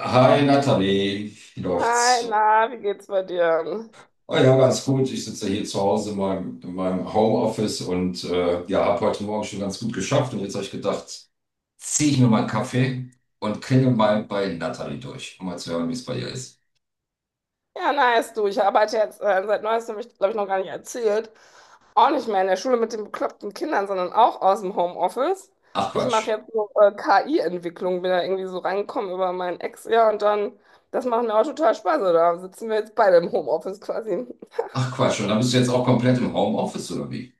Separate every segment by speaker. Speaker 1: Hi Nathalie, wie
Speaker 2: Hi,
Speaker 1: läuft's?
Speaker 2: na, wie geht's bei dir?
Speaker 1: Oh ja, ganz gut. Ich sitze hier zu Hause in meinem Homeoffice und ja, habe heute Morgen schon ganz gut geschafft. Und jetzt habe ich gedacht, ziehe ich mir mal einen Kaffee und klingel mal bei Nathalie durch, um mal zu hören, wie es bei ihr ist.
Speaker 2: Ja, nice, du. Ich arbeite jetzt seit neuestem, habe ich glaube ich noch gar nicht erzählt. Auch nicht mehr in der Schule mit den bekloppten Kindern, sondern auch aus dem Homeoffice.
Speaker 1: Ach
Speaker 2: Ich mache
Speaker 1: Quatsch.
Speaker 2: jetzt so KI-Entwicklung, bin da irgendwie so reingekommen über meinen Ex, ja, und dann, das macht mir auch total Spaß, oder? Sitzen wir jetzt beide im Homeoffice quasi.
Speaker 1: Ach Quatsch. Und dann bist du jetzt auch komplett im Homeoffice oder wie?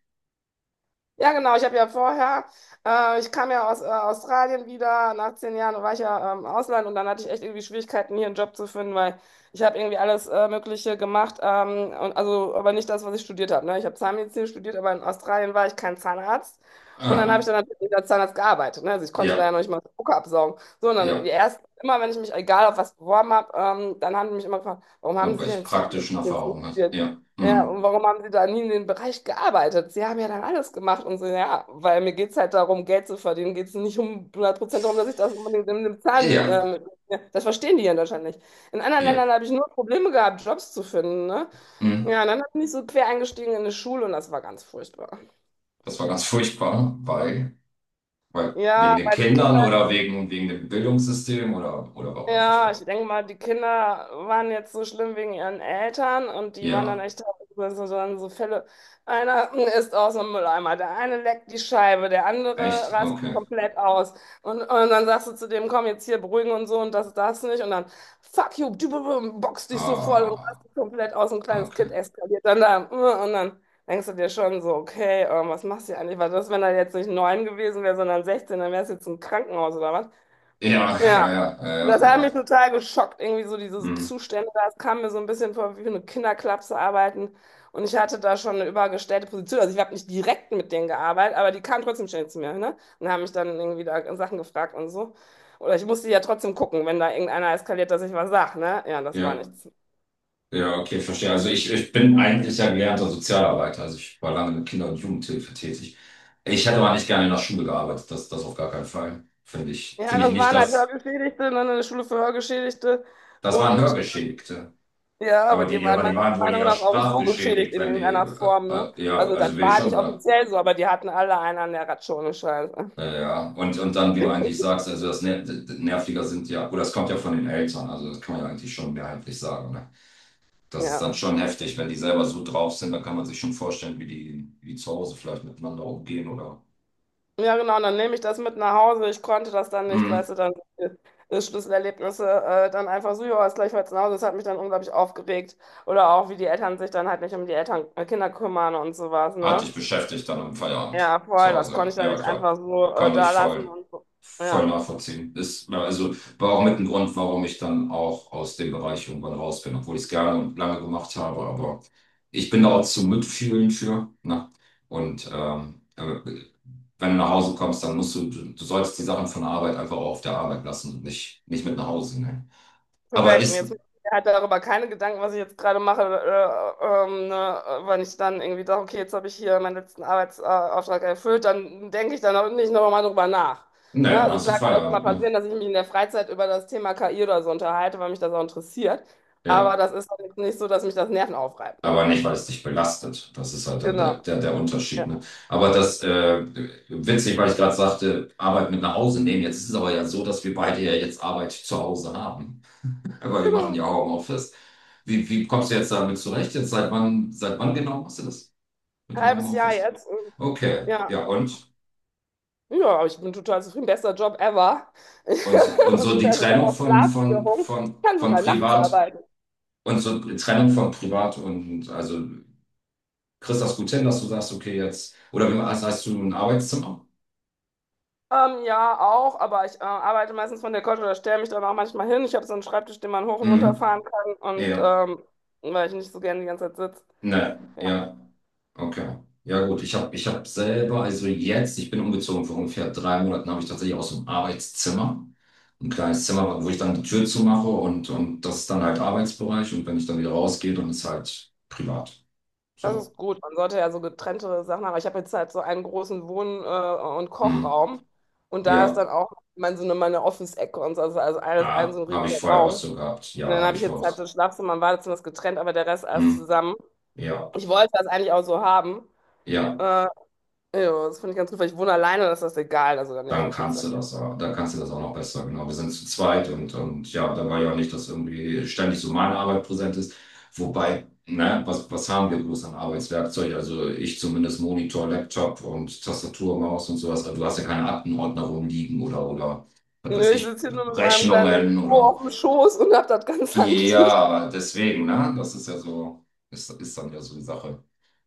Speaker 2: Ja, genau. Ich habe ja vorher, ich kam ja aus Australien wieder. Nach 10 Jahren war ich ja im Ausland und dann hatte ich echt irgendwie Schwierigkeiten, hier einen Job zu finden, weil ich habe irgendwie alles Mögliche gemacht. Also, aber nicht das, was ich studiert habe. Ne? Ich habe Zahnmedizin studiert, aber in Australien war ich kein Zahnarzt. Und dann habe ich
Speaker 1: Ah,
Speaker 2: dann natürlich als Zahnarzt gearbeitet. Ne? Also ich konnte da
Speaker 1: ja,
Speaker 2: ja noch nicht mal Spucke absaugen. So, und dann
Speaker 1: ja.
Speaker 2: erst immer, wenn ich mich egal auf was beworben habe, dann haben die mich immer gefragt, warum haben
Speaker 1: Und
Speaker 2: Sie
Speaker 1: weil ich
Speaker 2: denn
Speaker 1: praktischen
Speaker 2: Zahnmedizin
Speaker 1: Erfahrungen habe.
Speaker 2: studiert?
Speaker 1: Ja.
Speaker 2: Ja, und
Speaker 1: Hm.
Speaker 2: warum haben Sie da nie in den Bereich gearbeitet? Sie haben ja dann alles gemacht und so, ja, weil mir geht es halt darum, Geld zu verdienen. Geht es nicht um 100% darum, dass ich das unbedingt in einem Zahn.
Speaker 1: Ja,
Speaker 2: Ja, das verstehen die hier in Deutschland nicht. In anderen
Speaker 1: ja,
Speaker 2: Ländern habe ich nur Probleme gehabt, Jobs zu finden, ne?
Speaker 1: mhm.
Speaker 2: Ja, und dann bin ich so quer eingestiegen in eine Schule und das war ganz furchtbar.
Speaker 1: Das war ganz furchtbar, weil wegen
Speaker 2: Ja,
Speaker 1: den
Speaker 2: weil die
Speaker 1: Kindern oder wegen dem Bildungssystem oder warum
Speaker 2: Ja,
Speaker 1: furchtbar?
Speaker 2: ich denke mal, die Kinder waren jetzt so schlimm wegen ihren Eltern und die waren dann
Speaker 1: Ja,
Speaker 2: echt teilweise so, dann so Fälle. Einer ist aus dem Mülleimer, der eine leckt die Scheibe, der andere
Speaker 1: echt?
Speaker 2: rastet
Speaker 1: Okay.
Speaker 2: komplett aus. Und dann sagst du zu dem, komm jetzt hier beruhigen und so und das, das nicht. Und dann, fuck you, boxt dich so voll und
Speaker 1: Ah,
Speaker 2: rastet komplett aus. Ein kleines
Speaker 1: okay.
Speaker 2: Kind eskaliert dann da. Und dann denkst du dir schon so, okay, was machst du hier eigentlich? Was ist, wenn er jetzt nicht neun gewesen wäre, sondern 16, dann wärst du jetzt im Krankenhaus oder was?
Speaker 1: Ja,
Speaker 2: Ja.
Speaker 1: ja, ja,
Speaker 2: Das
Speaker 1: ja, ja.
Speaker 2: hat mich
Speaker 1: Ja,
Speaker 2: total geschockt, irgendwie so diese
Speaker 1: mhm.
Speaker 2: Zustände. Das kam mir so ein bisschen vor, wie für eine Kinderklapse arbeiten. Und ich hatte da schon eine übergestellte Position. Also ich habe nicht direkt mit denen gearbeitet, aber die kamen trotzdem ständig zu mir, ne? Und haben mich dann irgendwie da Sachen gefragt und so. Oder ich musste ja trotzdem gucken, wenn da irgendeiner eskaliert, dass ich was sage, ne? Ja, das war
Speaker 1: Ja,
Speaker 2: nichts.
Speaker 1: ja, okay, verstehe. Also ich bin eigentlich ja gelernter Sozialarbeiter. Also ich war lange mit Kinder- und Jugendhilfe tätig. Ich hätte aber nicht gerne in der Schule gearbeitet, das auf gar keinen Fall. Finde ich,
Speaker 2: Ja,
Speaker 1: finde ich
Speaker 2: das
Speaker 1: nicht,
Speaker 2: waren halt
Speaker 1: dass
Speaker 2: Hörgeschädigte, ne? Eine Schule für Hörgeschädigte.
Speaker 1: das waren
Speaker 2: Und
Speaker 1: Hörgeschädigte.
Speaker 2: Ja, aber
Speaker 1: Aber die,
Speaker 2: die
Speaker 1: ja,
Speaker 2: waren
Speaker 1: aber
Speaker 2: meiner
Speaker 1: die waren wohl
Speaker 2: Meinung
Speaker 1: eher
Speaker 2: nach auch so geschädigt
Speaker 1: sprachgeschädigt,
Speaker 2: in
Speaker 1: wenn die,
Speaker 2: irgendeiner Form, ne?
Speaker 1: ja,
Speaker 2: Also
Speaker 1: also
Speaker 2: das
Speaker 1: will ich
Speaker 2: war
Speaker 1: schon
Speaker 2: nicht
Speaker 1: sagen.
Speaker 2: offiziell so, aber die hatten alle einen an der Ratschone, Scheiße.
Speaker 1: Ja, und dann, wie du eigentlich sagst, also das Nerviger sind ja, oder das kommt ja von den Eltern, also das kann man ja eigentlich schon mehrheitlich sagen. Ne? Das ist
Speaker 2: Ja.
Speaker 1: dann schon heftig, wenn die selber so drauf sind, dann kann man sich schon vorstellen, wie die zu Hause vielleicht miteinander umgehen oder.
Speaker 2: Ja, genau, und dann nehme ich das mit nach Hause. Ich konnte das dann nicht,
Speaker 1: Mhm.
Speaker 2: weißt du, dann Schlüsselerlebnisse dann einfach so, ja, ist gleich heute nach Hause. Das hat mich dann unglaublich aufgeregt. Oder auch, wie die Eltern sich dann halt nicht um die Kinder kümmern und sowas,
Speaker 1: Hat
Speaker 2: ne?
Speaker 1: dich beschäftigt dann am Feierabend
Speaker 2: Ja,
Speaker 1: zu
Speaker 2: voll, das konnte
Speaker 1: Hause.
Speaker 2: ich dann
Speaker 1: Ja,
Speaker 2: nicht
Speaker 1: klar.
Speaker 2: einfach so
Speaker 1: Kann ich
Speaker 2: da lassen
Speaker 1: voll,
Speaker 2: und so.
Speaker 1: voll
Speaker 2: Ja.
Speaker 1: nachvollziehen. Ist, ja, also war auch mit ein Grund, warum ich dann auch aus dem Bereich irgendwann raus bin, obwohl ich es gerne und lange gemacht habe. Aber ich bin da auch zum Mitfühlen für. Ne? Und wenn du nach Hause kommst, dann musst du sollst die Sachen von der Arbeit einfach auch auf der Arbeit lassen und nicht mit nach Hause nehmen. Aber
Speaker 2: Korrekt. Und
Speaker 1: ist,
Speaker 2: jetzt
Speaker 1: ne,
Speaker 2: mache ich mir halt darüber keine Gedanken, was ich jetzt gerade mache, ne, wenn ich dann irgendwie sage, okay, jetzt habe ich hier meinen letzten Arbeitsauftrag erfüllt, dann denke ich dann auch nicht nochmal drüber nach. Ne?
Speaker 1: dann
Speaker 2: Also
Speaker 1: hast du
Speaker 2: klar kann es mal
Speaker 1: Feierabend, ne?
Speaker 2: passieren, dass ich mich in der Freizeit über das Thema KI oder so unterhalte, weil mich das auch interessiert. Aber
Speaker 1: Ja.
Speaker 2: das ist dann jetzt nicht so, dass mich das Nerven aufreibt. Ne?
Speaker 1: Aber nicht, weil es dich belastet. Das ist halt dann der,
Speaker 2: Genau.
Speaker 1: der, der Unterschied.
Speaker 2: Ja.
Speaker 1: Ne? Aber witzig, weil ich gerade sagte, Arbeit mit nach Hause nehmen. Jetzt ist es aber ja so, dass wir beide ja jetzt Arbeit zu Hause haben. Aber wir machen
Speaker 2: Genau.
Speaker 1: ja auch Homeoffice. Wie kommst du jetzt damit zurecht? Jetzt seit wann genau machst du das mit dem
Speaker 2: Halbes Jahr
Speaker 1: Homeoffice?
Speaker 2: jetzt. Und
Speaker 1: Okay,
Speaker 2: Ja.
Speaker 1: ja und?
Speaker 2: Ja, aber ich bin total zufrieden. Bester Job ever.
Speaker 1: Und, und
Speaker 2: Und
Speaker 1: so die
Speaker 2: also ich habe
Speaker 1: Trennung
Speaker 2: auch
Speaker 1: von, von,
Speaker 2: Schlafstörungen.
Speaker 1: von,
Speaker 2: Ich kann
Speaker 1: von
Speaker 2: sogar nachts
Speaker 1: Privat
Speaker 2: arbeiten.
Speaker 1: und so die Trennung von Privat und also kriegst du das gut hin, dass du sagst, okay, jetzt, oder hast du ein Arbeitszimmer?
Speaker 2: Ja, auch, aber ich arbeite meistens von der Couch oder stelle mich dann auch manchmal hin. Ich habe so einen Schreibtisch, den man hoch und runter fahren
Speaker 1: Mhm.
Speaker 2: kann und
Speaker 1: Ja,
Speaker 2: weil ich nicht so gerne die ganze Zeit sitze.
Speaker 1: ne,
Speaker 2: Ja,
Speaker 1: ja, okay. Ja gut, ich habe ich hab selber, also jetzt, ich bin umgezogen vor ungefähr 3 Monaten, habe ich tatsächlich aus dem Arbeitszimmer ein kleines Zimmer, wo ich dann die Tür zumache und das ist dann halt Arbeitsbereich und wenn ich dann wieder rausgehe, dann ist halt privat.
Speaker 2: das
Speaker 1: So.
Speaker 2: ist gut. Man sollte ja so getrennte Sachen haben. Ich habe jetzt halt so einen großen Wohn- und
Speaker 1: Mhm.
Speaker 2: Kochraum und da ist
Speaker 1: Ja,
Speaker 2: dann auch meine Office-Ecke und so, also alles ein
Speaker 1: ah,
Speaker 2: so ein
Speaker 1: habe ich
Speaker 2: riesiger
Speaker 1: vorher auch
Speaker 2: Raum.
Speaker 1: so gehabt.
Speaker 2: Und
Speaker 1: Ja,
Speaker 2: dann
Speaker 1: habe
Speaker 2: habe ich
Speaker 1: ich vorher
Speaker 2: jetzt
Speaker 1: auch.
Speaker 2: halt
Speaker 1: so.
Speaker 2: so ein Schlafzimmer und Badezimmer ist getrennt, aber der Rest alles
Speaker 1: Mhm.
Speaker 2: zusammen.
Speaker 1: Ja,
Speaker 2: Ich wollte das eigentlich auch so haben.
Speaker 1: ja.
Speaker 2: Äh, ja, das finde ich ganz gut, weil ich wohne alleine, das ist das egal. Also da nervt
Speaker 1: Dann
Speaker 2: mich jetzt.
Speaker 1: kannst du dann kannst du das auch noch besser. Genau, wir sind zu zweit und ja, da war ja auch nicht, dass irgendwie ständig so meine Arbeit präsent ist. Wobei, ne, was haben wir bloß an Arbeitswerkzeug? Also ich zumindest Monitor, Laptop und Tastatur, Maus und sowas. Also du hast ja keine Aktenordner rumliegen was weiß
Speaker 2: Nö, ich
Speaker 1: ich,
Speaker 2: sitze hier nur mit meinem kleinen
Speaker 1: Rechnungen
Speaker 2: MacBook
Speaker 1: oder.
Speaker 2: auf dem Schoß und hab das ganz handlich.
Speaker 1: Ja, deswegen, ne, das ist ja so, ist dann ja so die Sache,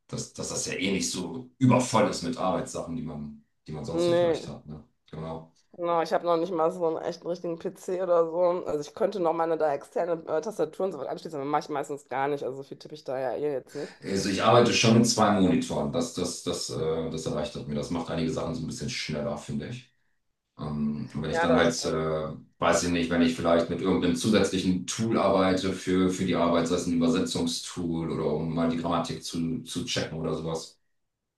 Speaker 1: dass das ja eh nicht so übervoll ist mit Arbeitssachen, die man sonst so vielleicht
Speaker 2: Nee,
Speaker 1: hat, ne? Genau.
Speaker 2: genau, ich habe noch nicht mal so einen echten richtigen PC oder so. Also ich könnte noch meine da externe Tastatur und so was anschließen, aber mache ich meistens gar nicht. Also so viel tippe ich da ja eh jetzt nicht.
Speaker 1: Also ich arbeite schon mit zwei Monitoren. Das erleichtert mir. Das macht einige Sachen so ein bisschen schneller, finde ich. Und wenn ich
Speaker 2: Ja,
Speaker 1: dann
Speaker 2: das
Speaker 1: halt,
Speaker 2: stimmt.
Speaker 1: weiß ich nicht, wenn ich vielleicht mit irgendeinem zusätzlichen Tool arbeite für die Arbeit, sei es ein Übersetzungstool oder um mal die Grammatik zu checken oder sowas.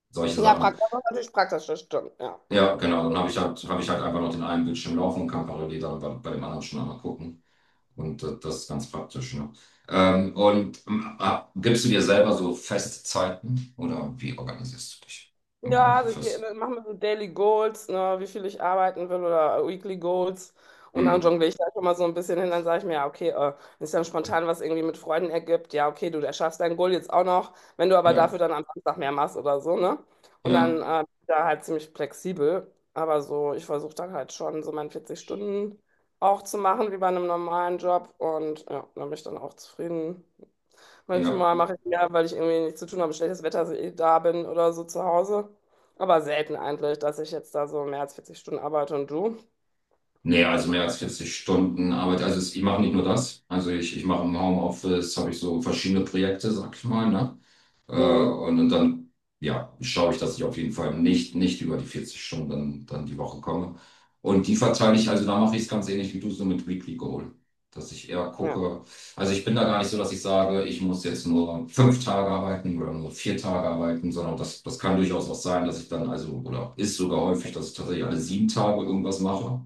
Speaker 1: Solche
Speaker 2: Ja,
Speaker 1: Sachen.
Speaker 2: praktisch, das ist natürlich praktisch, das stimmt, ja.
Speaker 1: Ja, genau. Dann habe ich halt einfach noch den einen Bildschirm laufen und kann parallel dann bei dem anderen schon einmal gucken. Und das ist ganz praktisch, ne? Und gibst du dir selber so Festzeiten oder wie organisierst du dich im
Speaker 2: Ja, also ich
Speaker 1: Homeoffice?
Speaker 2: mache mir so Daily Goals, ne, wie viel ich arbeiten will oder Weekly Goals. Und dann
Speaker 1: Hm.
Speaker 2: jongliere ich da schon mal so ein bisschen hin. Dann sage ich mir, ja, okay, wenn es dann spontan was irgendwie mit Freunden ergibt, ja, okay, du erschaffst dein Goal jetzt auch noch, wenn du aber
Speaker 1: Ja,
Speaker 2: dafür dann am Samstag mehr machst oder so, ne? Und
Speaker 1: ja,
Speaker 2: dann bin ich da halt ziemlich flexibel. Aber so, ich versuche dann halt schon so meine 40 Stunden auch zu machen, wie bei einem normalen Job. Und ja, dann bin ich dann auch zufrieden.
Speaker 1: ja.
Speaker 2: Manchmal mache ich mir, weil ich irgendwie nichts zu tun habe, schlechtes Wetter, dass ich eh da bin oder so zu Hause. Aber selten eigentlich, dass ich jetzt da so mehr als 40 Stunden arbeite und du.
Speaker 1: Nee, also mehr als 40 Stunden Arbeit. Also ich mache nicht nur das. Also ich mache im Homeoffice, habe ich so verschiedene Projekte, sag ich mal, ne? Äh,
Speaker 2: Mhm.
Speaker 1: und, und dann, ja, schaue ich, dass ich auf jeden Fall nicht über die 40 Stunden dann die Woche komme. Und die verteile ich, also da mache ich es ganz ähnlich wie du so mit Weekly Goal. Dass ich eher
Speaker 2: Ja,
Speaker 1: gucke, also ich bin da gar nicht so, dass ich sage, ich muss jetzt nur 5 Tage arbeiten oder nur 4 Tage arbeiten, sondern das kann durchaus auch sein, dass ich dann, also, oder ist sogar häufig, dass ich tatsächlich alle 7 Tage irgendwas mache,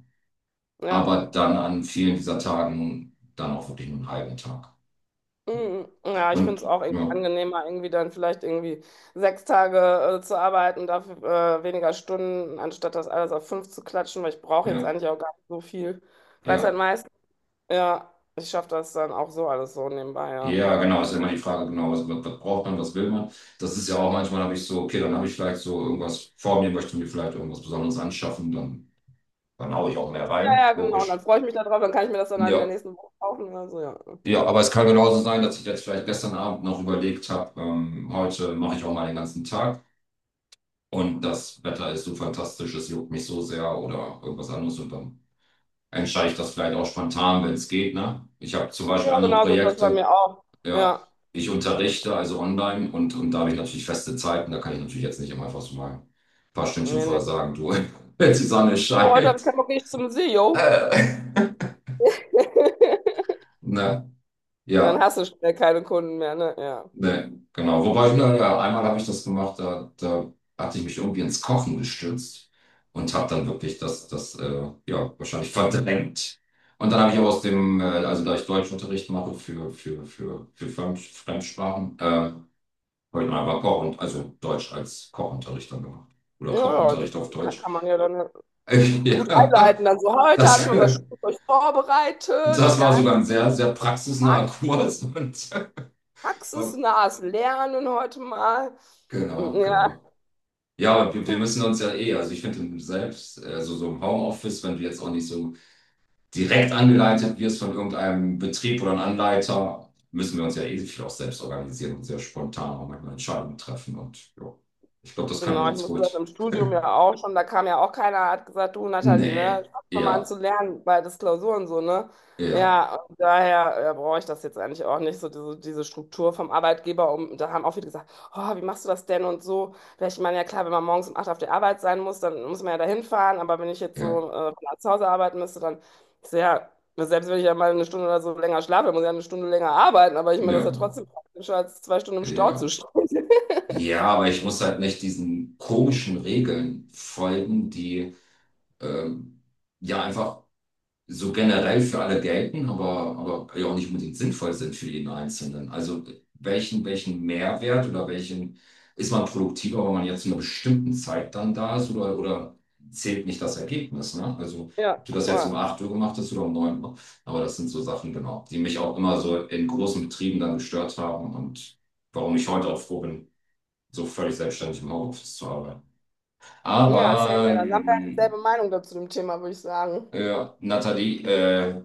Speaker 2: ja.
Speaker 1: aber dann an vielen dieser Tagen dann auch wirklich nur einen halben Tag.
Speaker 2: Mhm. Ja, ich finde
Speaker 1: Und
Speaker 2: es auch irgendwie
Speaker 1: ja,
Speaker 2: angenehmer, irgendwie dann vielleicht irgendwie 6 Tage zu arbeiten, dafür weniger Stunden, anstatt das alles auf fünf zu klatschen, weil ich brauche jetzt
Speaker 1: ja,
Speaker 2: eigentlich auch gar nicht so viel Freizeit
Speaker 1: ja.
Speaker 2: meist. Ja, ich schaffe das dann auch so alles so nebenbei, ja.
Speaker 1: Ja, genau, ist ja immer die Frage, genau, was braucht man, was will man? Das ist ja auch manchmal, habe ich so, okay, dann habe ich vielleicht so irgendwas vor mir, möchte mir vielleicht irgendwas Besonderes anschaffen, dann haue ich auch mehr
Speaker 2: Ja,
Speaker 1: rein,
Speaker 2: ja, genau. Und
Speaker 1: logisch.
Speaker 2: dann freue ich mich darauf, dann kann ich mir das dann halt in der
Speaker 1: Ja,
Speaker 2: nächsten Woche kaufen oder so, ja.
Speaker 1: ja, aber es kann genauso sein, dass ich jetzt vielleicht gestern Abend noch überlegt habe, heute mache ich auch mal den ganzen Tag und das Wetter ist so fantastisch, es juckt mich so sehr oder irgendwas anderes und dann entscheide ich das vielleicht auch spontan, wenn es geht, ne? Ich habe zum
Speaker 2: Ja,
Speaker 1: Beispiel andere
Speaker 2: genau so ist das bei
Speaker 1: Projekte.
Speaker 2: mir auch.
Speaker 1: Ja,
Speaker 2: Ja.
Speaker 1: ich unterrichte also online und da habe ich natürlich feste Zeiten. Da kann ich natürlich jetzt nicht immer einfach so mal ein paar Stündchen
Speaker 2: Nee,
Speaker 1: vorher
Speaker 2: nee.
Speaker 1: sagen, du, die Sonne
Speaker 2: Du, heute habe
Speaker 1: scheint.
Speaker 2: ich keinen Bock, nicht zum See, yo.
Speaker 1: Äh, ne,
Speaker 2: Dann
Speaker 1: ja,
Speaker 2: hast du schnell keine Kunden mehr, ne? Ja.
Speaker 1: ne, genau. Wobei, ne, ja, einmal habe ich das gemacht, da hatte ich mich irgendwie ins Kochen gestürzt und habe dann wirklich das ja, wahrscheinlich verdrängt. Und dann habe ich aber also da ich Deutschunterricht mache für Fremdsprachen, habe ich einfach also Deutsch als Kochunterricht dann gemacht. Oder
Speaker 2: Ja, ja, das
Speaker 1: Kochunterricht auf
Speaker 2: kann,
Speaker 1: Deutsch.
Speaker 2: kann man ja dann gut
Speaker 1: Ja,
Speaker 2: einleiten. Dann so, heute habe ich
Speaker 1: das,
Speaker 2: mal was Schönes für euch vorbereitet.
Speaker 1: das war
Speaker 2: Ganz
Speaker 1: sogar ein sehr, sehr praxisnaher
Speaker 2: prax-
Speaker 1: Kurs. Und, war-
Speaker 2: praxisnahes Lernen heute mal. Hm,
Speaker 1: genau,
Speaker 2: ja,
Speaker 1: genau. Ja, wir müssen uns ja eh, also ich finde selbst, also so im Homeoffice, wenn du jetzt auch nicht so direkt angeleitet wirst von irgendeinem Betrieb oder einem Anleiter, müssen wir uns ja eh viel auch selbst organisieren und sehr spontan auch manchmal Entscheidungen treffen. Und ja, ich glaube, das können wir
Speaker 2: genau, ich
Speaker 1: ganz
Speaker 2: musste das
Speaker 1: gut.
Speaker 2: im Studium ja auch schon, da kam ja auch keiner, hat gesagt, du Nathalie, ne,
Speaker 1: Nee,
Speaker 2: fang doch mal an
Speaker 1: ja,
Speaker 2: zu lernen bei das Klausuren so, ne?
Speaker 1: ja.
Speaker 2: Ja, und daher ja, brauche ich das jetzt eigentlich auch nicht, so diese Struktur vom Arbeitgeber. Um, da haben auch viele gesagt, oh, wie machst du das denn und so. Ja, ich meine, ja klar, wenn man morgens um 8 auf der Arbeit sein muss, dann muss man ja dahin fahren, aber wenn ich jetzt
Speaker 1: Ja,
Speaker 2: so von zu Hause arbeiten müsste, dann ist ja, selbst wenn ich ja mal 1 Stunde oder so länger schlafe, dann muss ich ja 1 Stunde länger arbeiten, aber ich meine, das
Speaker 1: ja,
Speaker 2: ist ja
Speaker 1: genau.
Speaker 2: trotzdem praktischer, als 2 Stunden im Stau zu
Speaker 1: Ja.
Speaker 2: stehen.
Speaker 1: Ja, aber ich muss halt nicht diesen komischen Regeln folgen, die ähm, ja einfach so generell für alle gelten, aber ja auch nicht unbedingt sinnvoll sind für jeden Einzelnen. Also welchen Mehrwert oder welchen ist man produktiver, wenn man jetzt zu einer bestimmten Zeit dann da ist oder zählt nicht das Ergebnis, ne? Also ob
Speaker 2: Ja,
Speaker 1: du das jetzt um
Speaker 2: voll.
Speaker 1: 8 Uhr gemacht hast oder um 9 Uhr. Aber das sind so Sachen, genau, die mich auch immer so in großen Betrieben dann gestört haben und warum ich heute auch froh bin, so völlig selbstständig im Homeoffice zu arbeiten.
Speaker 2: Ja, same.
Speaker 1: Aber
Speaker 2: Ja. Dann haben wir halt dieselbe Meinung dazu dem Thema, würde ich sagen.
Speaker 1: ja, Nathalie,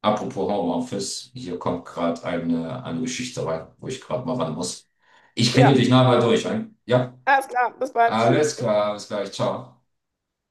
Speaker 1: apropos Homeoffice, hier kommt gerade eine Geschichte rein, wo ich gerade mal ran muss. Ich klingel dich
Speaker 2: Ja,
Speaker 1: nachher durch, ein. Ja,
Speaker 2: alles klar. Bis bald. Tschüss.
Speaker 1: alles klar, bis gleich, ciao.